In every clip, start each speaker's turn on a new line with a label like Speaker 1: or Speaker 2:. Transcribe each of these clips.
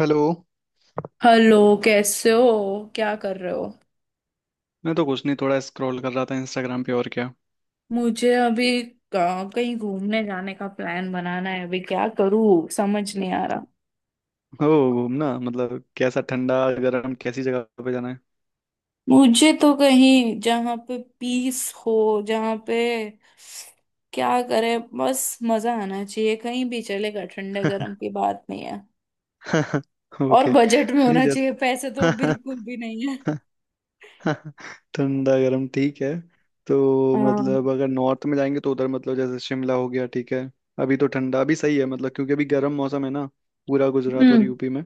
Speaker 1: Hello.
Speaker 2: Hello. कैसे हो, क्या कर रहे हो?
Speaker 1: मैं तो कुछ नहीं थोड़ा स्क्रॉल कर रहा था इंस्टाग्राम पे और क्या।
Speaker 2: मुझे अभी कहीं घूमने जाने का प्लान बनाना है। अभी क्या करूं समझ नहीं आ रहा।
Speaker 1: ओ। घूमना मतलब कैसा ठंडा गर्म कैसी जगह पे जाना है?
Speaker 2: मुझे तो कहीं जहाँ पे पीस हो, जहाँ पे क्या करे, बस मजा आना चाहिए। कहीं भी चलेगा, ठंडे गर्म की बात नहीं है। और
Speaker 1: ओके।
Speaker 2: बजट में
Speaker 1: नहीं
Speaker 2: होना
Speaker 1: जैसे
Speaker 2: चाहिए, पैसे तो बिल्कुल भी नहीं है।
Speaker 1: ठंडा गर्म ठीक है। तो
Speaker 2: हाँ।
Speaker 1: मतलब अगर नॉर्थ में जाएंगे तो उधर मतलब जैसे शिमला हो गया ठीक है। अभी तो ठंडा अभी सही है मतलब क्योंकि अभी गर्म मौसम है ना पूरा गुजरात और
Speaker 2: हम्म।
Speaker 1: यूपी में।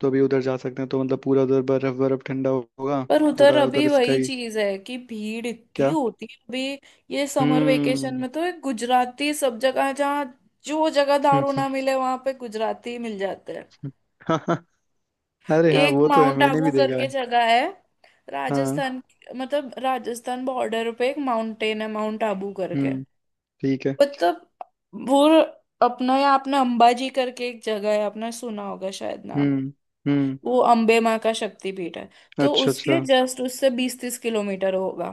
Speaker 1: तो अभी उधर जा सकते हैं तो मतलब पूरा उधर बर्फ बर्फ ठंडा होगा।
Speaker 2: पर उधर
Speaker 1: थोड़ा
Speaker 2: अभी
Speaker 1: उधर
Speaker 2: वही
Speaker 1: स्काई।
Speaker 2: चीज है कि भीड़ इतनी
Speaker 1: क्या?
Speaker 2: होती है अभी। ये समर वेकेशन
Speaker 1: हम्म।
Speaker 2: में तो एक गुजराती सब जगह जहाँ जो जगह दारू ना मिले वहां पे गुजराती मिल जाते हैं।
Speaker 1: अरे हाँ
Speaker 2: एक
Speaker 1: वो तो है
Speaker 2: माउंट
Speaker 1: मैंने
Speaker 2: आबू
Speaker 1: भी देखा
Speaker 2: करके
Speaker 1: है।
Speaker 2: जगह है,
Speaker 1: हाँ।
Speaker 2: राजस्थान। मतलब राजस्थान बॉर्डर पे एक माउंटेन है, माउंट आबू करके।
Speaker 1: हम्म। ठीक है।
Speaker 2: मतलब वो अपना, या आपने अंबाजी करके एक जगह है, आपने सुना होगा शायद नाम।
Speaker 1: हम्म हम्म।
Speaker 2: वो अम्बे माँ का शक्तिपीठ है। तो
Speaker 1: अच्छा
Speaker 2: उसके
Speaker 1: अच्छा।
Speaker 2: जस्ट, उससे 20-30 किलोमीटर होगा।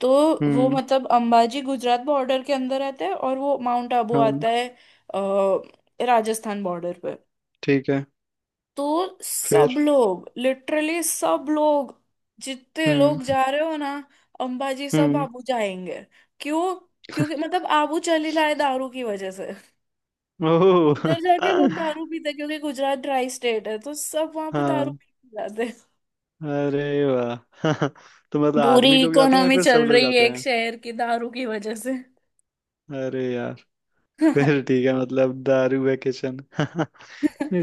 Speaker 2: तो वो
Speaker 1: हम्म।
Speaker 2: मतलब अंबाजी गुजरात बॉर्डर के अंदर आता है और वो माउंट आबू
Speaker 1: हाँ।
Speaker 2: आता है राजस्थान बॉर्डर पे।
Speaker 1: ठीक है।
Speaker 2: तो सब
Speaker 1: फिर।
Speaker 2: लोग, लिटरली सब लोग, जितने
Speaker 1: हम्म
Speaker 2: लोग जा रहे हो ना, अंबाजी सब
Speaker 1: हम्म।
Speaker 2: आबू जाएंगे। क्यों? क्योंकि मतलब आबू चली लाए दारू की वजह से।
Speaker 1: ओह।
Speaker 2: उधर जाके लोग दारू पीते हैं, क्योंकि गुजरात ड्राई स्टेट है तो सब वहां पे दारू
Speaker 1: हाँ।
Speaker 2: पी के जाते।
Speaker 1: अरे वाह। तो मतलब
Speaker 2: पूरी
Speaker 1: आदमी लोग जाते हैं या
Speaker 2: इकोनॉमी
Speaker 1: फिर
Speaker 2: चल
Speaker 1: सब लोग
Speaker 2: रही है
Speaker 1: जाते
Speaker 2: एक
Speaker 1: हैं?
Speaker 2: शहर की दारू की वजह से।
Speaker 1: अरे यार। फिर ठीक है मतलब दारू वेकेशन नहीं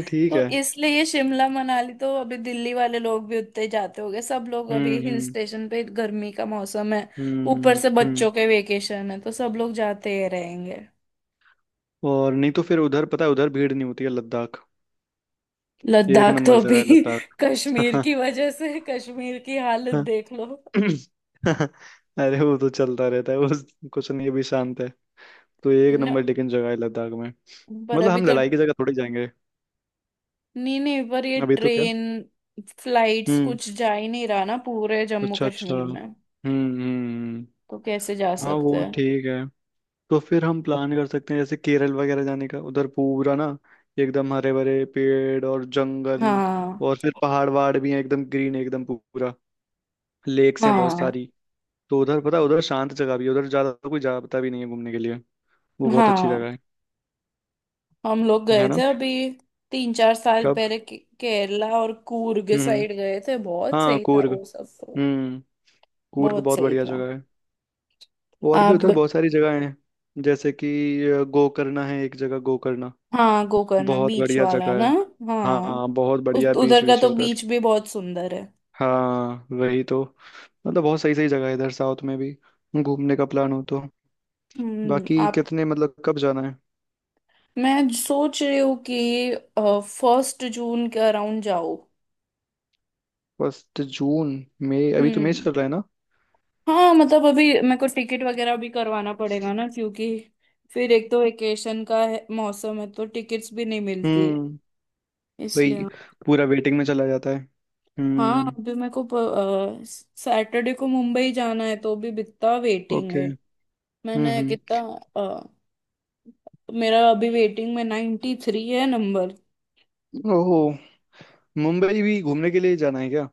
Speaker 1: ठीक
Speaker 2: तो
Speaker 1: है।
Speaker 2: इसलिए ये शिमला मनाली तो अभी दिल्ली वाले लोग भी उतने ही जाते होंगे, सब लोग अभी हिल
Speaker 1: हम्म।
Speaker 2: स्टेशन पे, गर्मी का मौसम है। ऊपर से
Speaker 1: हम्म।
Speaker 2: बच्चों के वेकेशन है तो सब लोग जाते ही रहेंगे।
Speaker 1: और नहीं तो फिर उधर पता है उधर भीड़ नहीं होती है लद्दाख। ये एक
Speaker 2: लद्दाख तो
Speaker 1: नंबर जगह
Speaker 2: अभी
Speaker 1: है लद्दाख।
Speaker 2: कश्मीर की वजह से, कश्मीर की हालत देख लो।
Speaker 1: अरे वो तो चलता रहता है वो कुछ नहीं अभी शांत है। तो एक
Speaker 2: न,
Speaker 1: नंबर लेकिन जगह है लद्दाख में।
Speaker 2: पर
Speaker 1: मतलब
Speaker 2: अभी
Speaker 1: हम
Speaker 2: तो,
Speaker 1: लड़ाई की जगह थोड़ी जाएंगे।
Speaker 2: नहीं नहीं, पर ये
Speaker 1: अभी तो क्या।
Speaker 2: ट्रेन फ्लाइट्स
Speaker 1: हम्म।
Speaker 2: कुछ जा ही नहीं रहा ना पूरे जम्मू
Speaker 1: अच्छा अच्छा।
Speaker 2: कश्मीर में।
Speaker 1: हम्म।
Speaker 2: तो कैसे जा
Speaker 1: हाँ वो
Speaker 2: सकते।
Speaker 1: ठीक है। तो फिर हम प्लान कर सकते हैं जैसे केरल वगैरह जाने का उधर पूरा ना। एकदम हरे भरे पेड़ और जंगल।
Speaker 2: हाँ।
Speaker 1: और फिर पहाड़ वहाड़ भी हैं एकदम ग्रीन एकदम पूरा। लेक्स हैं बहुत
Speaker 2: हाँ।
Speaker 1: सारी। तो उधर पता है, उधर शांत जगह भी है उधर ज्यादा कोई जाता भी नहीं है घूमने के लिए। वो बहुत अच्छी
Speaker 2: हाँ
Speaker 1: जगह है।
Speaker 2: हम लोग गए
Speaker 1: है
Speaker 2: थे
Speaker 1: ना।
Speaker 2: अभी, 3-4 साल पहले केरला और कूर्ग
Speaker 1: हम्म।
Speaker 2: साइड गए थे। बहुत
Speaker 1: हाँ
Speaker 2: सही था
Speaker 1: कूर्ग।
Speaker 2: वो सब तो।
Speaker 1: हम्म। कूर्ग
Speaker 2: बहुत
Speaker 1: बहुत
Speaker 2: सही
Speaker 1: बढ़िया
Speaker 2: था।
Speaker 1: जगह है। और भी
Speaker 2: आप।
Speaker 1: उधर बहुत सारी जगह हैं। जैसे कि गोकर्णा है एक जगह गोकर्णा।
Speaker 2: हाँ गोकर्ण,
Speaker 1: बहुत
Speaker 2: बीच
Speaker 1: बढ़िया
Speaker 2: वाला
Speaker 1: जगह
Speaker 2: ना।
Speaker 1: है।
Speaker 2: हाँ।
Speaker 1: हाँ बहुत
Speaker 2: उस
Speaker 1: बढ़िया बीच
Speaker 2: उधर का
Speaker 1: बीच
Speaker 2: तो
Speaker 1: है उधर।
Speaker 2: बीच भी बहुत सुंदर है।
Speaker 1: हाँ वही तो। मतलब बहुत सही सही जगह है इधर साउथ में भी। घूमने का प्लान हो तो।
Speaker 2: हम्म।
Speaker 1: बाकी
Speaker 2: आप,
Speaker 1: कितने मतलब कब जाना है?
Speaker 2: मैं सोच रही हूँ कि 1 जून के अराउंड जाओ।
Speaker 1: First June. मई अभी तो मई
Speaker 2: हम्म।
Speaker 1: चल रहा है ना।
Speaker 2: हाँ मतलब अभी मेरे को टिकट वगैरह भी करवाना पड़ेगा ना, क्योंकि फिर एक तो वेकेशन का है, मौसम है, तो टिकट्स भी नहीं मिलती।
Speaker 1: हम्म। वही।
Speaker 2: इसलिए।
Speaker 1: पूरा वेटिंग में चला जाता है।
Speaker 2: हाँ
Speaker 1: हम्म।
Speaker 2: अभी मेरे को सैटरडे को मुंबई जाना है, तो भी कितना वेटिंग
Speaker 1: ओके।
Speaker 2: है। मैंने कितना,
Speaker 1: हम्म।
Speaker 2: अ, मेरा अभी वेटिंग में 93 है नंबर।
Speaker 1: ओहो। मुंबई भी घूमने के लिए जाना है क्या?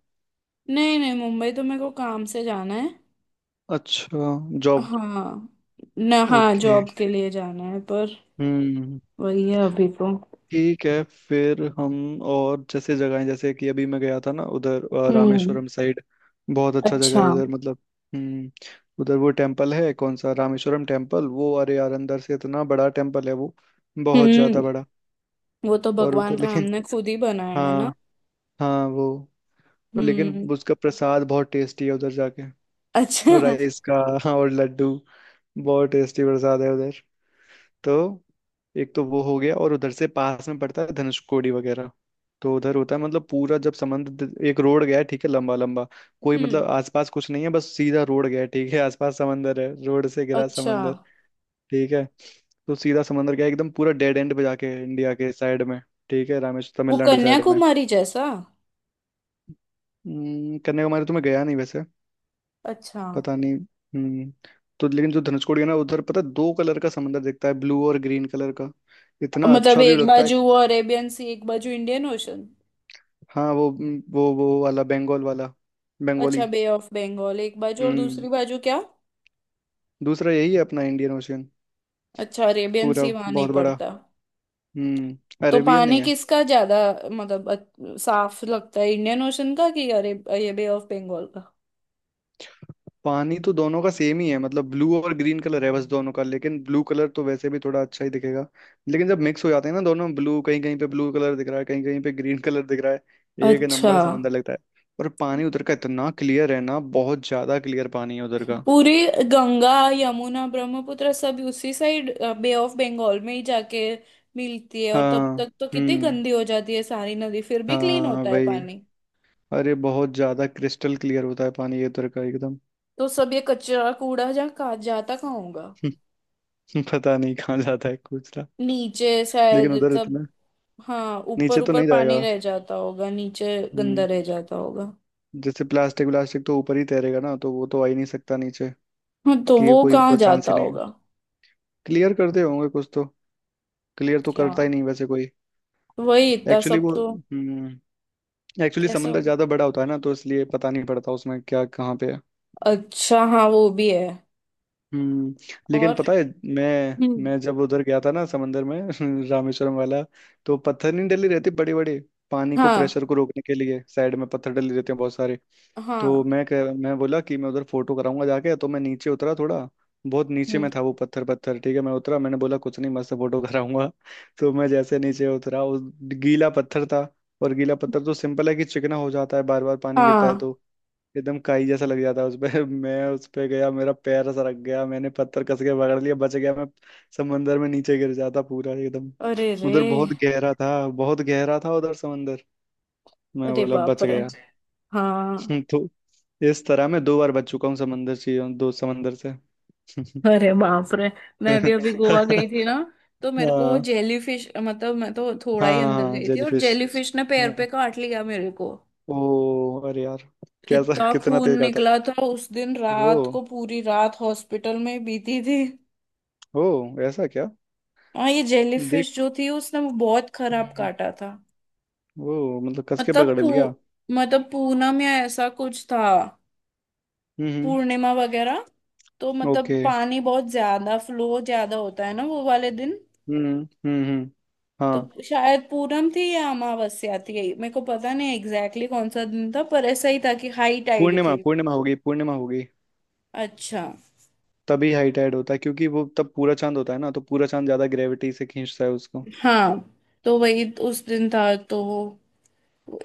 Speaker 2: नहीं नहीं, मुंबई तो मेरे को काम से जाना है।
Speaker 1: अच्छा। जॉब।
Speaker 2: हाँ। ना हाँ,
Speaker 1: ओके।
Speaker 2: जॉब के लिए जाना है पर।
Speaker 1: हम्म।
Speaker 2: वही है अभी तो।
Speaker 1: ठीक है। फिर हम। और जैसे जगहें जैसे कि अभी मैं गया था ना उधर
Speaker 2: हम्म।
Speaker 1: रामेश्वरम साइड। बहुत अच्छा जगह
Speaker 2: अच्छा।
Speaker 1: है उधर मतलब। हम्म। उधर वो टेम्पल है कौन सा रामेश्वरम टेम्पल वो अरे यार अंदर से इतना बड़ा टेम्पल है वो। बहुत
Speaker 2: हम्म,
Speaker 1: ज्यादा बड़ा।
Speaker 2: वो तो
Speaker 1: और
Speaker 2: भगवान
Speaker 1: उधर
Speaker 2: राम
Speaker 1: लेकिन।
Speaker 2: ने खुद ही बनाया है ना।
Speaker 1: हाँ। हाँ वो। और लेकिन
Speaker 2: हम्म।
Speaker 1: उसका प्रसाद बहुत टेस्टी है उधर जाके।
Speaker 2: अच्छा।
Speaker 1: राइस का। हाँ और लड्डू। बहुत टेस्टी प्रसाद है उधर। तो। एक तो वो हो गया और उधर से पास में पड़ता है धनुषकोडी वगैरह। तो उधर होता है मतलब पूरा जब समुद्र एक रोड गया है, ठीक है लंबा लंबा। कोई मतलब
Speaker 2: हम्म।
Speaker 1: आसपास कुछ नहीं है बस सीधा रोड गया है, ठीक है आसपास समंदर है रोड से घिरा
Speaker 2: अच्छा
Speaker 1: समंदर। ठीक है। तो सीधा समंदर गया एकदम पूरा डेड एंड पे जाके है, इंडिया के साइड में। ठीक है रामेश्वर
Speaker 2: वो
Speaker 1: तमिलनाडु साइड में।
Speaker 2: कन्याकुमारी जैसा।
Speaker 1: कन्याकुमारी तो मैं गया नहीं वैसे।
Speaker 2: अच्छा।
Speaker 1: पता नहीं। हम्म। तो लेकिन जो धनुषकोडी है ना उधर पता है दो कलर का समंदर दिखता है ब्लू और ग्रीन कलर का। इतना
Speaker 2: मतलब
Speaker 1: अच्छा व्यू
Speaker 2: एक
Speaker 1: लगता है।
Speaker 2: बाजू वो अरेबियन सी, एक बाजू इंडियन ओशन।
Speaker 1: हाँ वो वाला बंगाल वाला। बंगाली।
Speaker 2: अच्छा बे ऑफ बंगाल एक बाजू, और
Speaker 1: हम्म।
Speaker 2: दूसरी बाजू क्या?
Speaker 1: दूसरा यही है अपना इंडियन ओशियन।
Speaker 2: अच्छा अरेबियन
Speaker 1: पूरा।
Speaker 2: सी वहां नहीं
Speaker 1: बहुत बड़ा।
Speaker 2: पड़ता। तो
Speaker 1: अरेबियन नहीं
Speaker 2: पानी
Speaker 1: है।
Speaker 2: किसका ज्यादा मतलब साफ लगता है, इंडियन ओशन का कि अरे ये बे ऑफ बंगाल का।
Speaker 1: पानी तो दोनों का सेम ही है मतलब ब्लू और ग्रीन कलर है बस दोनों का लेकिन ब्लू कलर तो वैसे भी थोड़ा अच्छा ही दिखेगा। लेकिन जब मिक्स हो जाते हैं ना दोनों ब्लू कहीं कहीं पे ब्लू कलर दिख रहा है कहीं कहीं पे ग्रीन कलर दिख रहा है। एक
Speaker 2: अच्छा।
Speaker 1: नंबर समंदर लगता है। और पानी उधर का इतना क्लियर है ना बहुत ज्यादा क्लियर पानी है उधर का।
Speaker 2: पूरी गंगा यमुना ब्रह्मपुत्र सब उसी साइड, बे ऑफ बंगाल में ही जाके मिलती है, और तब
Speaker 1: हाँ।
Speaker 2: तक तो कितनी
Speaker 1: हम्म।
Speaker 2: गंदी हो जाती है सारी नदी, फिर भी क्लीन
Speaker 1: हाँ
Speaker 2: होता है
Speaker 1: वही।
Speaker 2: पानी।
Speaker 1: अरे बहुत ज्यादा क्रिस्टल क्लियर होता है पानी ये उधर का एकदम।
Speaker 2: तो सब ये कचरा कूड़ा, जहाँ कहाँ जाता, कहाँ होगा?
Speaker 1: पता नहीं कहाँ जाता है कूचरा।
Speaker 2: नीचे
Speaker 1: लेकिन
Speaker 2: शायद
Speaker 1: उधर
Speaker 2: सब।
Speaker 1: इतना।
Speaker 2: हाँ
Speaker 1: नीचे
Speaker 2: ऊपर
Speaker 1: तो
Speaker 2: ऊपर
Speaker 1: नहीं
Speaker 2: पानी
Speaker 1: जाएगा।
Speaker 2: रह जाता होगा, नीचे गंदा
Speaker 1: हम्म।
Speaker 2: रह जाता होगा।
Speaker 1: जैसे प्लास्टिक व्लास्टिक तो ऊपर ही तैरेगा ना तो वो तो आ ही नहीं सकता नीचे।
Speaker 2: हाँ तो
Speaker 1: कि
Speaker 2: वो
Speaker 1: कोई
Speaker 2: कहाँ
Speaker 1: मतलब चांस
Speaker 2: जाता
Speaker 1: ही नहीं।
Speaker 2: होगा?
Speaker 1: क्लियर करते होंगे कुछ तो। क्लियर तो
Speaker 2: अच्छा।
Speaker 1: करता ही नहीं वैसे कोई।
Speaker 2: वही इतना
Speaker 1: एक्चुअली
Speaker 2: सब
Speaker 1: वो
Speaker 2: तो
Speaker 1: हम्म एक्चुअली
Speaker 2: कैसा
Speaker 1: समंदर
Speaker 2: होगा।
Speaker 1: ज्यादा बड़ा होता है ना तो इसलिए पता नहीं पड़ता उसमें क्या कहाँ पे है।
Speaker 2: अच्छा, हाँ वो भी है।
Speaker 1: हम्म। लेकिन
Speaker 2: और।
Speaker 1: पता है। मैं
Speaker 2: हम्म।
Speaker 1: मैं जब उधर गया था ना समंदर में रामेश्वरम वाला। तो पत्थर नहीं डली रहती बड़े बड़े। पानी को
Speaker 2: हाँ।
Speaker 1: प्रेशर को रोकने के लिए साइड में पत्थर डले रहते हैं बहुत सारे। तो
Speaker 2: हाँ।
Speaker 1: मैं बोला कि मैं उधर फोटो कराऊंगा जाके तो मैं नीचे उतरा थोड़ा। बहुत नीचे
Speaker 2: हम्म।
Speaker 1: में था वो पत्थर पत्थर ठीक है मैं उतरा मैंने बोला कुछ नहीं मस्त फोटो कराऊंगा। तो मैं जैसे नीचे उतरा उस गीला पत्थर था। और गीला पत्थर तो सिंपल है कि चिकना हो जाता है बार बार पानी गिरता है
Speaker 2: हाँ।
Speaker 1: तो एकदम काई जैसा लग जाता है उस पे। मैं उस पे गया मेरा पैर सरक गया मैंने पत्थर कस के पकड़ लिया बच गया मैं। समंदर में नीचे गिर जाता पूरा एकदम।
Speaker 2: अरे रे।
Speaker 1: उधर बहुत गहरा था उधर समंदर। मैं
Speaker 2: अरे
Speaker 1: बोला
Speaker 2: बाप
Speaker 1: बच
Speaker 2: रे।
Speaker 1: गया।
Speaker 2: हाँ।
Speaker 1: तो इस तरह मैं दो बार बच चुका हूँ समंदर से दो समंदर से
Speaker 2: अरे बाप रे, मैं
Speaker 1: हाँ
Speaker 2: भी अभी गोवा गई थी ना। तो मेरे को वो
Speaker 1: हाँ
Speaker 2: जेली फिश, मतलब मैं तो थोड़ा ही अंदर
Speaker 1: हाँ
Speaker 2: गई थी, और
Speaker 1: जेलीफिश
Speaker 2: जेली फिश ने पैर
Speaker 1: हाँ।
Speaker 2: पे काट लिया मेरे को।
Speaker 1: ओ अरे यार। कैसा
Speaker 2: इतना
Speaker 1: कितना
Speaker 2: खून
Speaker 1: तेज काटा?
Speaker 2: निकला था उस दिन,
Speaker 1: ओ।
Speaker 2: रात को पूरी रात हॉस्पिटल में बीती थी।
Speaker 1: ओ। ऐसा क्या।
Speaker 2: हाँ ये जेली
Speaker 1: देख।
Speaker 2: फिश जो थी, उसने वो बहुत खराब
Speaker 1: हम्म,
Speaker 2: काटा था।
Speaker 1: ओ मतलब कस के
Speaker 2: मतलब
Speaker 1: पकड़
Speaker 2: पू
Speaker 1: लिया।
Speaker 2: मतलब पूना में ऐसा कुछ था,
Speaker 1: हम्म हम्म।
Speaker 2: पूर्णिमा वगैरह। तो मतलब
Speaker 1: ओके।
Speaker 2: पानी बहुत ज्यादा, फ्लो ज्यादा होता है ना वो वाले दिन।
Speaker 1: हम्म हम्म। हाँ।
Speaker 2: तो शायद पूनम थी या अमावस्या थी, मेरे को पता नहीं एग्जैक्टली exactly कौन सा दिन था, पर ऐसा ही था कि हाई टाइड
Speaker 1: पूर्णिमा
Speaker 2: थी।
Speaker 1: पूर्णिमा होगी पूर्णिमा होगी।
Speaker 2: अच्छा।
Speaker 1: तभी हाइट ऐड होता है क्योंकि वो तब पूरा चांद होता है ना तो पूरा चांद ज्यादा ग्रेविटी से खींचता है उसको।
Speaker 2: हाँ तो वही उस दिन था तो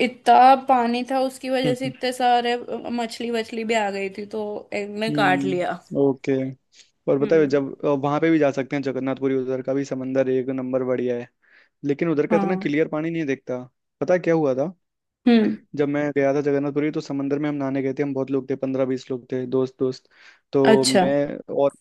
Speaker 2: इतना पानी था, उसकी वजह से
Speaker 1: हम्म
Speaker 2: इतने सारे मछली वछली भी आ गई थी तो एक ने काट लिया।
Speaker 1: हम्म। ओके और बताए
Speaker 2: हम्म।
Speaker 1: जब। वहां पे भी जा सकते हैं जगन्नाथपुरी उधर का भी समंदर एक नंबर बढ़िया है। लेकिन उधर का इतना
Speaker 2: हाँ।
Speaker 1: क्लियर पानी नहीं दिखता। पता है क्या हुआ था।
Speaker 2: हम्म।
Speaker 1: जब मैं गया था जगन्नाथपुरी तो समंदर में हम नहाने गए थे हम बहुत लोग थे 15-20 लोग थे दोस्त दोस्त। तो
Speaker 2: अच्छा।
Speaker 1: मैं और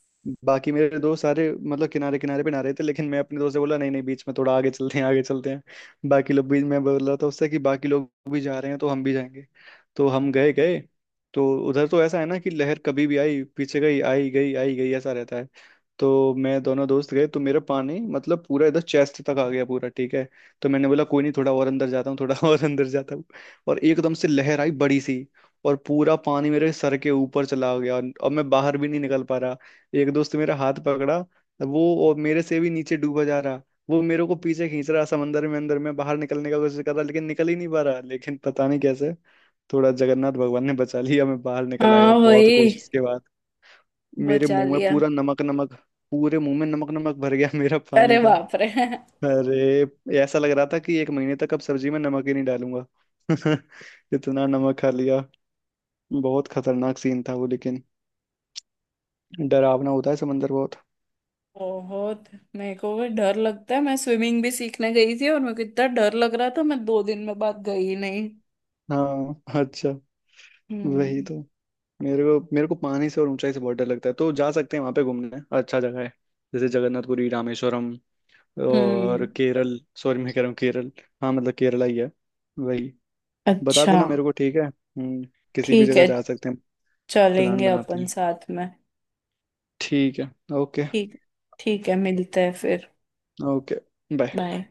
Speaker 1: बाकी मेरे दोस्त सारे मतलब किनारे किनारे पे नहा रहे थे लेकिन मैं अपने दोस्त से बोला नहीं नहीं बीच में थोड़ा आगे चलते हैं आगे चलते हैं। बाकी लोग भी मैं बोल रहा था उससे कि बाकी लोग भी जा रहे हैं तो हम भी जाएंगे। तो हम गए गए। तो उधर तो ऐसा है ना कि लहर कभी भी आई पीछे गई आई गई आई गई ऐसा रहता है। तो मैं दोनों दोस्त गए तो मेरा पानी मतलब पूरा इधर चेस्ट तक आ गया पूरा ठीक है। तो मैंने बोला कोई नहीं थोड़ा और अंदर जाता हूँ थोड़ा और अंदर जाता हूँ। और एकदम से लहर आई बड़ी सी। और पूरा पानी मेरे सर के ऊपर चला गया और अब मैं बाहर भी नहीं निकल पा रहा। एक दोस्त ने मेरा हाथ पकड़ा। वो और मेरे से भी नीचे डूबा जा रहा। वो मेरे को पीछे खींच रहा समंदर में अंदर में बाहर निकलने का कोशिश कर रहा लेकिन निकल ही नहीं पा रहा लेकिन पता नहीं कैसे। थोड़ा जगन्नाथ भगवान ने बचा लिया मैं बाहर निकल आया
Speaker 2: हाँ
Speaker 1: बहुत
Speaker 2: वही
Speaker 1: कोशिश के बाद। मेरे
Speaker 2: बचा
Speaker 1: मुंह में
Speaker 2: लिया।
Speaker 1: पूरा नमक नमक। पूरे मुंह में नमक नमक भर गया मेरा पानी
Speaker 2: अरे
Speaker 1: का।
Speaker 2: बाप रे।
Speaker 1: अरे। ऐसा लग रहा था कि एक महीने तक अब सब्जी में नमक ही नहीं डालूंगा। इतना नमक खा लिया। बहुत खतरनाक सीन था वो लेकिन। डरावना होता है समंदर बहुत।
Speaker 2: बहुत। मेरे को भी डर लगता है, मैं स्विमिंग भी सीखने गई थी और मेरे को इतना डर लग रहा था मैं 2 दिन में बाद गई ही नहीं।
Speaker 1: हाँ अच्छा। वही
Speaker 2: हम्म।
Speaker 1: तो। मेरे को पानी से और ऊंचाई से बहुत डर लगता है तो जा सकते हैं वहां पे घूमने अच्छा जगह है। जैसे जगन्नाथपुरी रामेश्वरम। और
Speaker 2: हम्म।
Speaker 1: केरल सॉरी मैं कह रहा हूँ केरल। हाँ मतलब केरला ही है। वही। बता
Speaker 2: अच्छा।
Speaker 1: देना मेरे को ठीक है हम्म। किसी भी
Speaker 2: ठीक
Speaker 1: जगह
Speaker 2: है,
Speaker 1: जा सकते हैं। प्लान
Speaker 2: चलेंगे
Speaker 1: बनाते
Speaker 2: अपन
Speaker 1: हैं।
Speaker 2: साथ में।
Speaker 1: ठीक है। ओके।
Speaker 2: ठीक। ठीक है, मिलते हैं फिर।
Speaker 1: ओके। बाय।
Speaker 2: बाय।